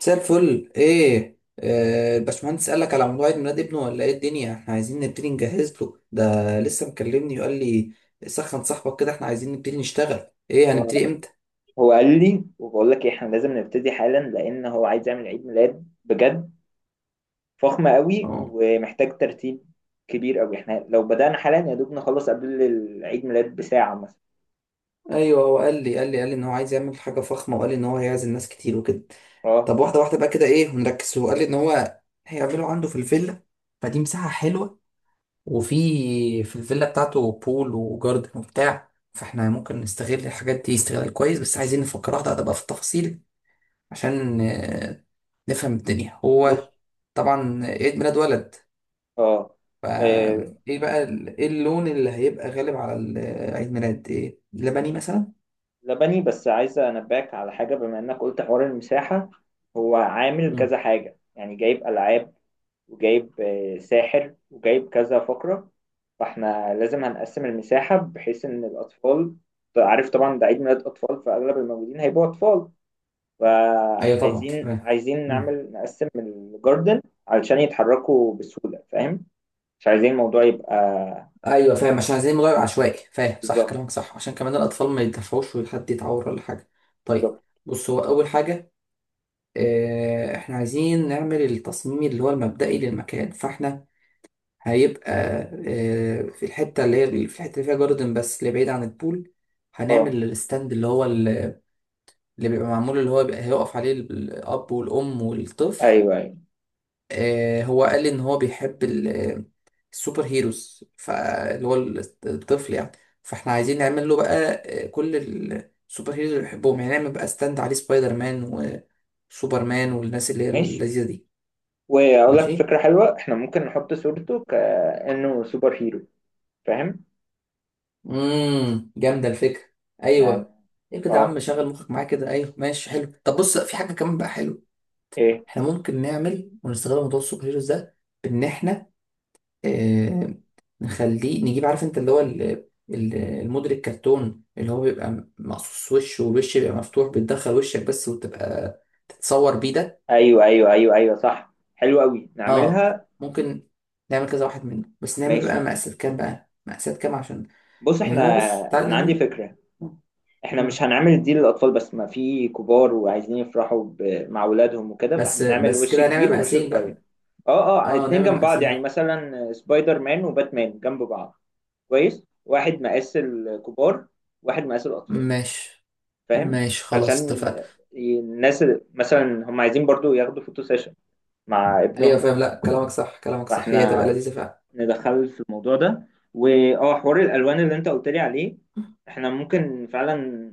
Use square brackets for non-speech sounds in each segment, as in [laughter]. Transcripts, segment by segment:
مساء الفل، ايه؟ الباشمهندس قال لك على موضوع عيد ميلاد ابنه ولا ايه الدنيا؟ احنا عايزين نبتدي نجهز له ده. لسه مكلمني وقال لي سخن صاحبك كده، احنا عايزين نبتدي نشتغل. ايه؟ هو هنبتدي امتى؟ هو قال لي وبقول لك إيه، احنا لازم نبتدي حالا لان هو عايز يعمل عيد ميلاد بجد فخمة قوي اه. ومحتاج ترتيب كبير قوي. احنا لو بدأنا حالا يا دوب نخلص قبل العيد ميلاد بساعة مثلا. ايوه، هو قال لي ان هو عايز يعمل حاجه فخمه، وقال لي ان هو هيعزم ناس كتير وكده. اه، طب واحده واحده بقى كده، ايه؟ ونركز. هو قال لي ان هو هيعمله عنده في الفيلا، فدي مساحه حلوه. وفي في الفيلا بتاعته بول وجاردن وبتاع، فاحنا ممكن نستغل الحاجات دي استغلال كويس، بس عايزين نفكر واحده واحده بقى في التفاصيل عشان نفهم الدنيا. هو بص، طبعا عيد ميلاد ولد، اه آه، فايه بقى ايه اللون اللي هيبقى غالب على عيد ميلاد؟ ايه؟ لبني مثلا. لبني. بس عايز انبهك على حاجة بما انك قلت حوار المساحة. هو عامل مم. كذا حاجة، يعني جايب ألعاب وجايب ساحر وجايب كذا فقرة، فاحنا لازم هنقسم المساحة بحيث ان الاطفال، عارف طبعا ده عيد ميلاد اطفال فاغلب الموجودين هيبقوا اطفال. ايوه طبعا فعايزين فاهم. عايزين مم. نعمل نقسم الجاردن علشان يتحركوا بسهولة، فاهم؟ مش عايزين الموضوع يبقى... ايوه فاهم، عشان عايزين نغير عشوائي، فاهم؟ صح كلامك بالظبط، صح، عشان كمان الاطفال ما يتدفعوش وحد يتعور ولا حاجه. طيب. بالظبط. بص، هو اول حاجه احنا عايزين نعمل التصميم اللي هو المبدئي للمكان. فاحنا هيبقى في الحتة اللي فيها جاردن بس، اللي بعيد عن البول، اه، هنعمل الستاند اللي هو اللي بيبقى معمول، اللي هو بيبقى هيقف عليه الأب والأم والطفل. ايوه، ايوه، هو قال لي إن هو بيحب السوبر هيروز، فاللي هو الطفل يعني. فاحنا عايزين نعمل له بقى كل السوبر هيروز اللي بيحبهم، يعني نعمل بقى ستاند عليه سبايدر مان وسوبر مان والناس اللي هي ماشي. اللذيذة دي. واقول لك ماشي. فكرة حلوة، احنا ممكن نحط صورته كأنه سوبر هيرو، فاهم جامده الفكره. يعني. ايوه. ايه كده يا عم، اه، شغل مخك معايا كده. ايوه ماشي حلو. طب بص، في حاجه كمان بقى حلوه. ايه؟ احنا ممكن نعمل ونستغل موضوع السوبر هيروز ده، بان احنا آه نخليه، نجيب، عارف انت، اللي هو الموديل الكرتون اللي هو بيبقى مقصوص وش، والوش بيبقى مفتوح، بتدخل وشك بس وتبقى تتصور بيه ده. ايوه، ايوه، ايوه، ايوه، صح، حلو قوي، اه. نعملها. ممكن نعمل كذا واحد منه، بس نعمل بقى ماشي. مقاسات كام، بقى مقاسات كام، عشان بص يعني هو، بص تعالى انا عندي نعمل. فكره. احنا مش هنعمل دي للاطفال بس، ما في كبار وعايزين يفرحوا مع اولادهم وكده، بس فهنعمل بس وش كده، هنعمل كبير ووش مقاسين صغير. بقى. اه، اه، اه اتنين نعمة جنب بعض يعني، مقاسية. مثلا سبايدر مان وباتمان جنب بعض. كويس، واحد مقاس الكبار واحد مقاس الاطفال، ماشي فاهم؟ ماشي، عشان خلاص اتفقنا. الناس مثلا هم عايزين برضو ياخدوا فوتو سيشن مع ايوه ابنهم. فاهم، لا كلامك صح، كلامك صح، هي تبقى فاحنا لذيذة فعلا. ندخله في الموضوع ده. واه حوار الالوان اللي انت قلت لي عليه، احنا ممكن فعلا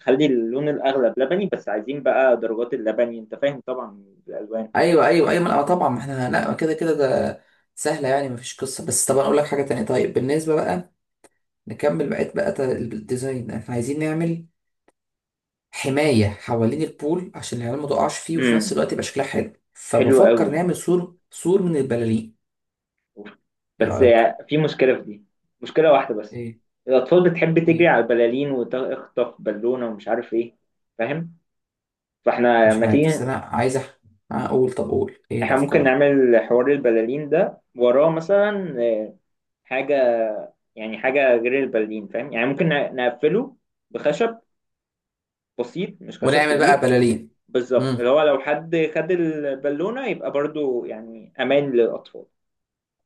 نخلي اللون الاغلب لبني، بس عايزين بقى درجات اللبني، انت فاهم طبعا الالوان. ايوه ايوه ايوه، لا طبعا، ما احنا لا كده كده ده سهلة يعني، مفيش قصة. بس طبعا اقول لك حاجة تانية. طيب بالنسبة بقى، نكمل بقية بقى الديزاين. احنا عايزين نعمل حماية حوالين البول عشان العيال ما تقعش فيه، وفي نفس امم الوقت يبقى شكلها حلو، حلو فبفكر قوي، نعمل سور، سور من البلالين. ايه بس رأيك؟ في مشكله في دي، مشكله واحده بس. ايه؟ الاطفال بتحب تجري ايه؟ على البلالين وتخطف بالونه ومش عارف ايه، فاهم. فاحنا مش لما عارف، بس تيجي، انا عايز اقول. طب قول، ايه احنا ممكن الافكار؟ نعمل حوار البلالين ده وراه مثلا حاجه، يعني حاجة غير البرلين، فاهم؟ يعني ممكن نقفله بخشب بسيط، مش خشب ونعمل بقى كبير. بلالين. بالظبط، اللي امم، هو لو حد خد البالونة يبقى برضو يعني أمان للأطفال.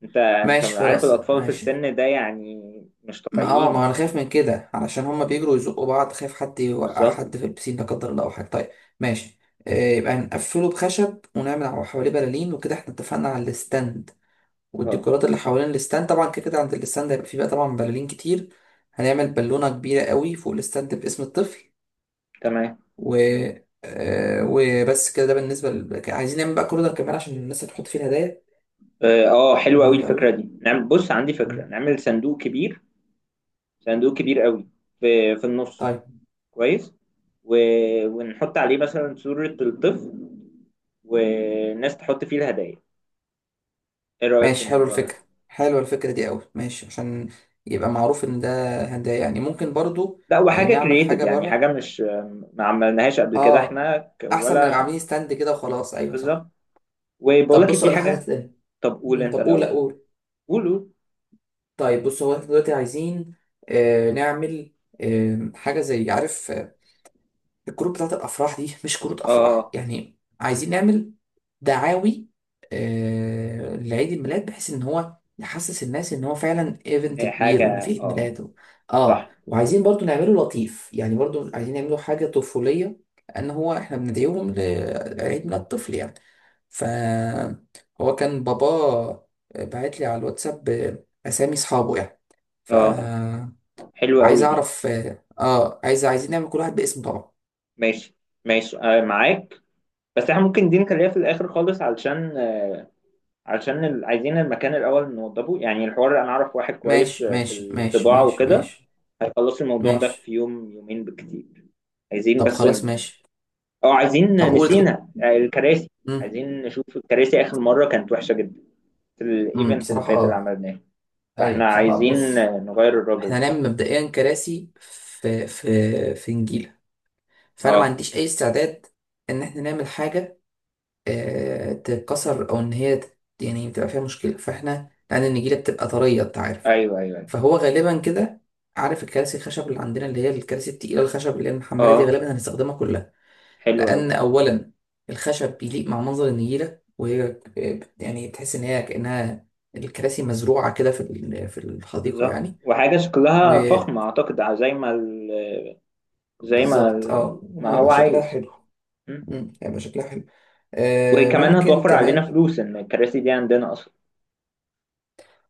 انت ماشي عارف خلاص الأطفال في ماشي. السن ده يعني، مش ما طبيعيين. ما انا خايف من كده، علشان هما آه، بيجروا يزقوا بعض، خايف حد يوقع حد بالظبط. في البسين لا قدر الله او حاجه. طيب ماشي. يبقى نقفله بخشب ونعمل حواليه بلالين وكده. احنا اتفقنا على الستاند اه، والديكورات اللي حوالين الستاند. طبعا كده كده عند الستاند هيبقى فيه بقى طبعا بلالين كتير. هنعمل بالونه كبيره قوي فوق الستاند باسم الطفل. تمام. و آه، وبس كده. ده بالنسبه ل... عايزين نعمل بقى كورنر كمان عشان الناس اللي تحط فيه الهدايا. اه، حلوة قوي مهم قوي. الفكرة دي. نعم، بص عندي فكرة نعمل صندوق كبير، صندوق كبير قوي، في النص. طيب كويس. و... ونحط عليه مثلا صورة الطفل والناس تحط فيه الهدايا. ايه رأيك في ماشي، حلو الموضوع ده؟ الفكرة، حلوة الفكرة دي قوي، ماشي، عشان يبقى معروف ان ده هدايا، يعني ممكن برضو لا، وحاجة نعمل كرييتيف، حاجة يعني حاجة بره. مش ما عملناهاش قبل كده، اه، احنا احسن ما نبقى ولا. عاملين ستاند كده وخلاص، ايوه بالظبط. صح. وبقول طب لك بص، في اقول لك حاجة حاجة. تانية. طب قول انت طب قول، لا الأول. قول. قول، قول. طيب بص، هو احنا دلوقتي عايزين نعمل حاجة زي، عارف، الكروت بتاعت الافراح دي، مش كروت افراح اه، يعني، عايزين نعمل دعاوي لعيد الميلاد، بحيث ان هو يحسس الناس ان هو فعلا ايفنت هي كبير، وانه في حاجة. عيد اه، ميلاد اه، صح. وعايزين برضو نعمله لطيف، يعني برضو عايزين نعمله حاجه طفوليه، لان هو احنا بندعيهم لعيد ميلاد طفل يعني. ف هو كان بابا بعت لي على الواتساب اسامي اصحابه يعني، اه، فعايز حلوة قوي دي. اعرف. عايزين نعمل كل واحد باسم طبعا. ماشي، ماشي، معاك. بس احنا ممكن دي نخليها في الآخر خالص، عايزين المكان الأول نوضبه، يعني الحوار أنا أعرف واحد كويس ماشي في ماشي ماشي الطباعة ماشي وكده، ماشي هيخلص الموضوع ده في ماشي. يوم يومين بالكتير. عايزين طب بس خلاص ن- ماشي. اه طب عايزين قول انت كنت. نسينا الكراسي. امم عايزين نشوف الكراسي، آخر مرة كانت وحشة جدا في الإيفنت اللي بصراحة، فات اللي اه، عملناه، ايوه فإحنا بصراحة. عايزين بص نغير الراجل احنا ده. هنعمل مبدئيا كراسي في في في نجيلة، فانا ما اه، عنديش اي استعداد ان احنا نعمل حاجة اه تتكسر، او ان هي يعني تبقى فيها مشكلة، فاحنا لان النجيلة بتبقى طرية انت عارف. أيوه، أيوه، أيوه. فهو غالبا كده، عارف الكراسي الخشب اللي عندنا، اللي هي الكراسي التقيلة الخشب اللي هي المحملة دي، اه، غالبا هنستخدمها كلها. حلو أوي. لأن أولا الخشب بيليق مع منظر النجيلة، وهي يعني تحس إن هي كأنها الكراسي مزروعة كده في الحديقة بالظبط، يعني. وحاجة شكلها فخمة وبالظبط. أعتقد، ع- زي ما ال... زي ما ال... اه، ما وهيبقى هو شكلها عايز. حلو. هيبقى شكلها حلو. وكمان ممكن هتوفر علينا كمان. فلوس ان الكراسي دي عندنا اصلا.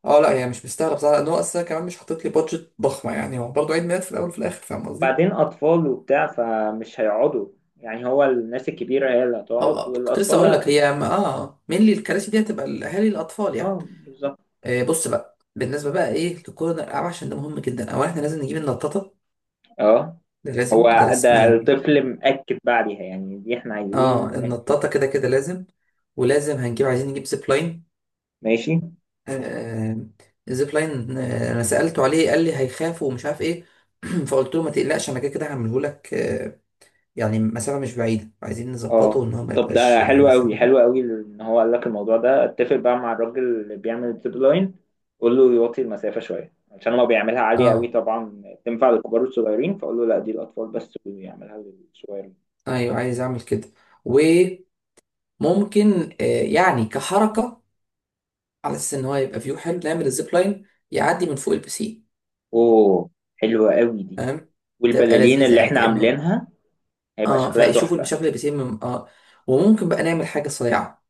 اه، لا هي مش مستاهلة بصراحة، لأن هو أصلا كمان مش حاطط لي بادجت ضخمة يعني، هو برضه عيد ميلاد في الأول وفي الآخر، فاهم قصدي؟ وبعدين اطفال وبتاع فمش هيقعدوا، يعني هو الناس الكبيره هي اللي هتقعد هو كنت لسه والاطفال أقول لك هي مين الكراسي دي هتبقى؟ الأهالي الأطفال يعني. اه، بالظبط. بص بقى، بالنسبة بقى إيه لكورنر الألعاب، عشان ده مهم جدا. أولا إحنا لازم نجيب النطاطة، اه، ده لازم، ده هو لازم ده ايه، الطفل مأكد بقى عليها، يعني دي احنا اه عايزين. النطاطة كده كده لازم. ولازم هنجيب، عايزين نجيب زيب لاين. ماشي. آه الزيب لاين، انا سألته عليه قال لي هيخاف ومش عارف ايه. [clears throat] فقلت له ما تقلقش، انا كده كده هعمله لك. يعني مسافة مش بعيدة، عايزين نظبطه اه، ان هو ما طب ده يبقاش حلو قوي، مسافة بعيدة. حلو قوي ان هو قال لك الموضوع ده، اتفق بقى مع الراجل اللي بيعمل الزيب لاين، قول له يوطي المسافه شويه عشان لو بيعملها عاليه قوي اه طبعا تنفع للكبار والصغيرين، فاقول له لا دي الاطفال بس ويعملها للصغير. ايوه عايز اعمل كده. وممكن يعني كحركة، على اساس ان هو يبقى فيو حلو، نعمل الزيب لاين يعدي من فوق البسين. اوه، حلوة قوي دي. فاهم؟ تبقى والبلالين لذيذة اللي يعني، احنا كأنه عاملينها هيبقى اه شكلها فيشوفوا تحفة. المشاكل اللي بتتم وممكن بقى نعمل حاجه صريعه،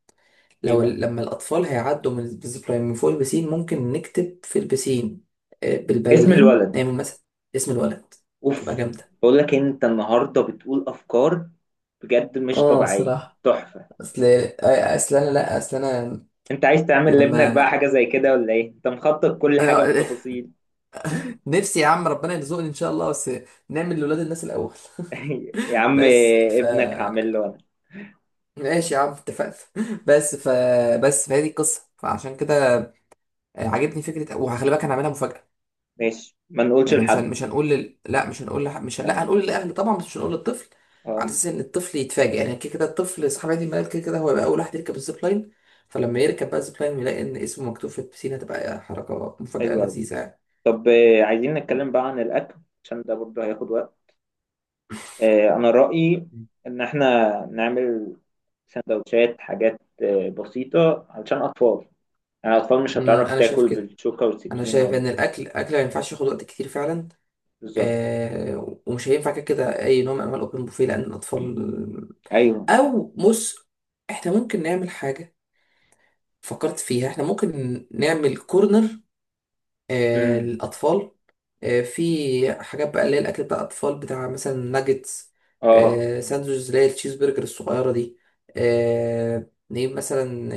ايه لو بقى؟ لما الاطفال هيعدوا من الزيب لاين من فوق البسين، ممكن نكتب في البسين اسم بالبلالين، الولد. نعمل مثلا اسم الولد، تبقى اوف. جامده. بقول لك انت النهاردة بتقول افكار بجد مش اه طبيعية، صراحة، تحفة. اصل اصل انا، لا اصل انا، انت عايز تعمل لابنك بقى لما حاجة زي كده ولا ايه؟ انت مخطط كل حاجة انا [laughs] بالتفاصيل. نفسي يا عم ربنا يرزقني ان شاء الله، بس نعمل لولاد الناس الاول. [laughs] يا [laughs] عم، بس ابنك هعمل له انا. ماشي يا عم اتفقنا. [laughs] بس ف بس فهذه القصة، فعشان كده عجبني فكرة، وهخلي بالك انا هعملها مفاجأة. ماشي، ما نقولش يعني لحد. مش هنقول لا مش هنقول مش هن... لا، تمام. هنقول للاهل طبعا بس مش هنقول للطفل. على اه، اساس ان الطفل يتفاجئ يعني، كده كده الطفل صاحب عيد الميلاد كده كده هو يبقى اول واحد يركب الزيب لاين، فلما يركب بقى الزيب لاين ويلاقي ان اسمه مكتوب في البسين، هتبقى حركه مفاجاه حلو قوي. لذيذه يعني. طب عايزين نتكلم بقى عن الاكل، عشان ده برضه هياخد وقت. انا رأيي ان احنا نعمل سندوتشات، حاجات بسيطة علشان اطفال، يعني الاطفال مش هتعرف انا شايف تاكل كده. بالشوكة انا شايف والسكينة. ان الاكل ما ينفعش ياخد وقت كتير فعلا. بالظبط. ومش هينفع كده كده اي نوع من انواع الاوبن بوفيه لان الاطفال. ايوه. او بص، احنا ممكن نعمل حاجه، فكرت فيها، احنا ممكن نعمل كورنر امم للأطفال. في حاجات بقى اللي هي الأكل بتاع الأطفال، بتاع مثلا ناجتس، اه، ساندوتشز اللي هي التشيز برجر الصغيرة دي. نجيب مثلا،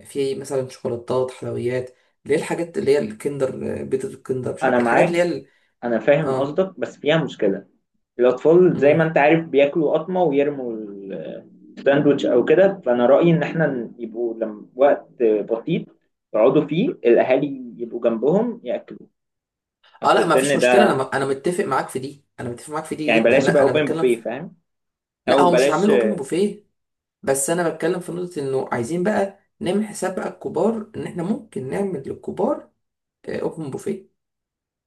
في مثلا شوكولاتات حلويات، اللي هي الحاجات اللي هي الكندر، بيتزا الكندر، مش عارف انا إيه، الحاجات اللي هي معاك. انا فاهم اه قصدك، بس فيها مشكلة. الاطفال زي ما مم. انت عارف بياكلوا قطمة ويرموا الساندوتش او كده، فانا رأيي ان احنا يبقوا لما وقت بسيط، يقعدوا فيه الاهالي يبقوا جنبهم ياكلوا، اه، اصل لا ما فيش السن مشكلة، انا ده انا متفق معاك في دي، انا متفق معاك في دي يعني، جدا. بلاش يبقى لا انا اوبن بتكلم بوفيه، في. فاهم، لا او هو مش بلاش. هعمله اوبن بوفيه. بس انا بتكلم في نقطة، انه عايزين بقى نعمل حساب بقى الكبار ان احنا ممكن نعمل للكبار اوبن بوفيه،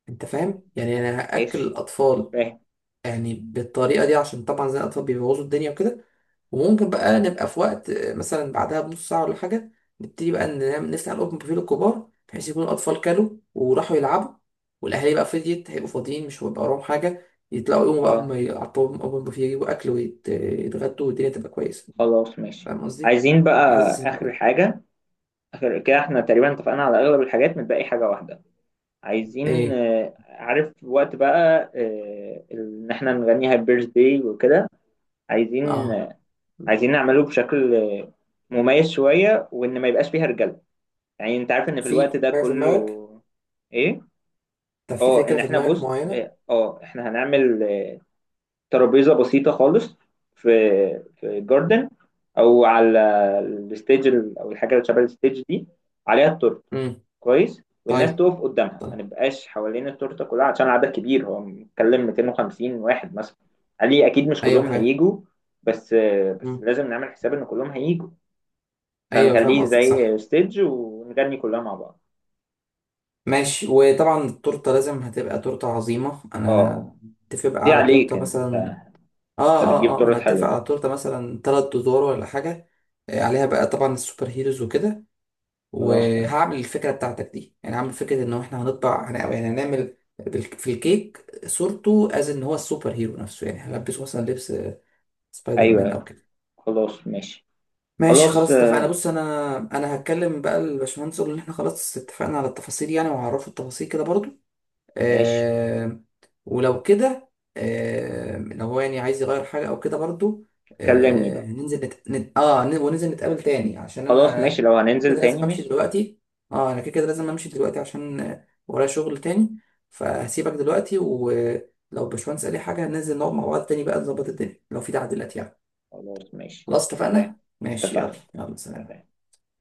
انت فاهم؟ يعني انا هاكل ماشي. الاطفال فاهم. يعني بالطريقه دي، عشان طبعا زي الاطفال بيبوظوا الدنيا وكده، وممكن بقى نبقى في وقت مثلا بعدها بنص ساعه ولا حاجه، نبتدي بقى نفتح الاوبن بوفيه للكبار، بحيث يكون الاطفال كلوا وراحوا يلعبوا، والاهالي بقى فضيت هيبقوا فاضيين، مش هيبقى وراهم حاجه، يطلعوا يقوموا بقى هم اه، يعطوهم اوبن بوفيه، يجيبوا اكل ويتغدوا، والدنيا تبقى كويسه، خلاص ماشي. فاهم قصدي؟ عايزين بقى حاسس ان اخر كده. حاجه، اخر كده احنا تقريبا اتفقنا على اغلب الحاجات، متبقي حاجه واحده. عايزين ايه؟ عارف وقت بقى ان احنا نغني هابي بيرث داي وكده. عايزين اه نعمله بشكل مميز شويه، وان ما يبقاش فيها رجاله، يعني انت عارف ان في في الوقت في ده حاجه في دماغك؟ كله. ايه؟ طب في اه فكره ان في احنا دماغك بص معينه؟ اه آه، احنا هنعمل ترابيزه بسيطه خالص في في جاردن او على او الحاجه اللي شبه الستيج دي عليها التورته. امم كويس، والناس طيب تقف قدامها، ما طيب. نبقاش حوالين التورته كلها عشان العدد كبير، هو بنتكلم 250 واحد مثلا. علي اكيد مش ايوه كلهم فاهم. هيجوا، بس بس مم. لازم نعمل حساب ان كلهم هيجوا، ايوه فاهم فنخليه قصدك زي صح. ستيج ونغني كلها مع بعض. ماشي. وطبعا التورته لازم هتبقى تورته عظيمه، اه، انا اتفق بقى دي على عليك تورته انت، مثلا. انت بتجيب اه ما انا تورت اتفق حلوه. على تورته مثلا تلات ادوار ولا حاجه. عليها بقى طبعا السوبر هيروز وكده، خلاص تمام. وهعمل الفكره بتاعتك دي. يعني هعمل فكره ان احنا هنطبع يعني هنعمل في الكيك صورته، از ان هو السوبر هيرو نفسه يعني، هلبسه مثلا لبس سبايدر ايوه، مان او أيوة. كده. خلاص ماشي. ماشي خلاص، خلاص اتفقنا. بص انا هتكلم بقى الباشمهندس، اقول ان احنا خلاص اتفقنا على التفاصيل يعني، وهعرفه التفاصيل كده برضو. ماشي. آه ولو كده، لو هو يعني عايز يغير حاجه او كده برضو، كلمني بقى. ننزل وننزل نتقابل تاني، عشان خلاص انا ماشي، لو كده هننزل كده تاني لازم امشي ماشي. دلوقتي. اه انا كده كده لازم امشي دلوقتي، عشان ورايا شغل تاني، فهسيبك دلوقتي. ولو الباشمهندس قال لي حاجه، هننزل نقعد مع بعض تاني بقى نظبط الدنيا لو في تعديلات يعني. خلاص ماشي، خلاص سلام. اتفقنا ماشي، يلا اتفقنا. يلا سلام. سلام.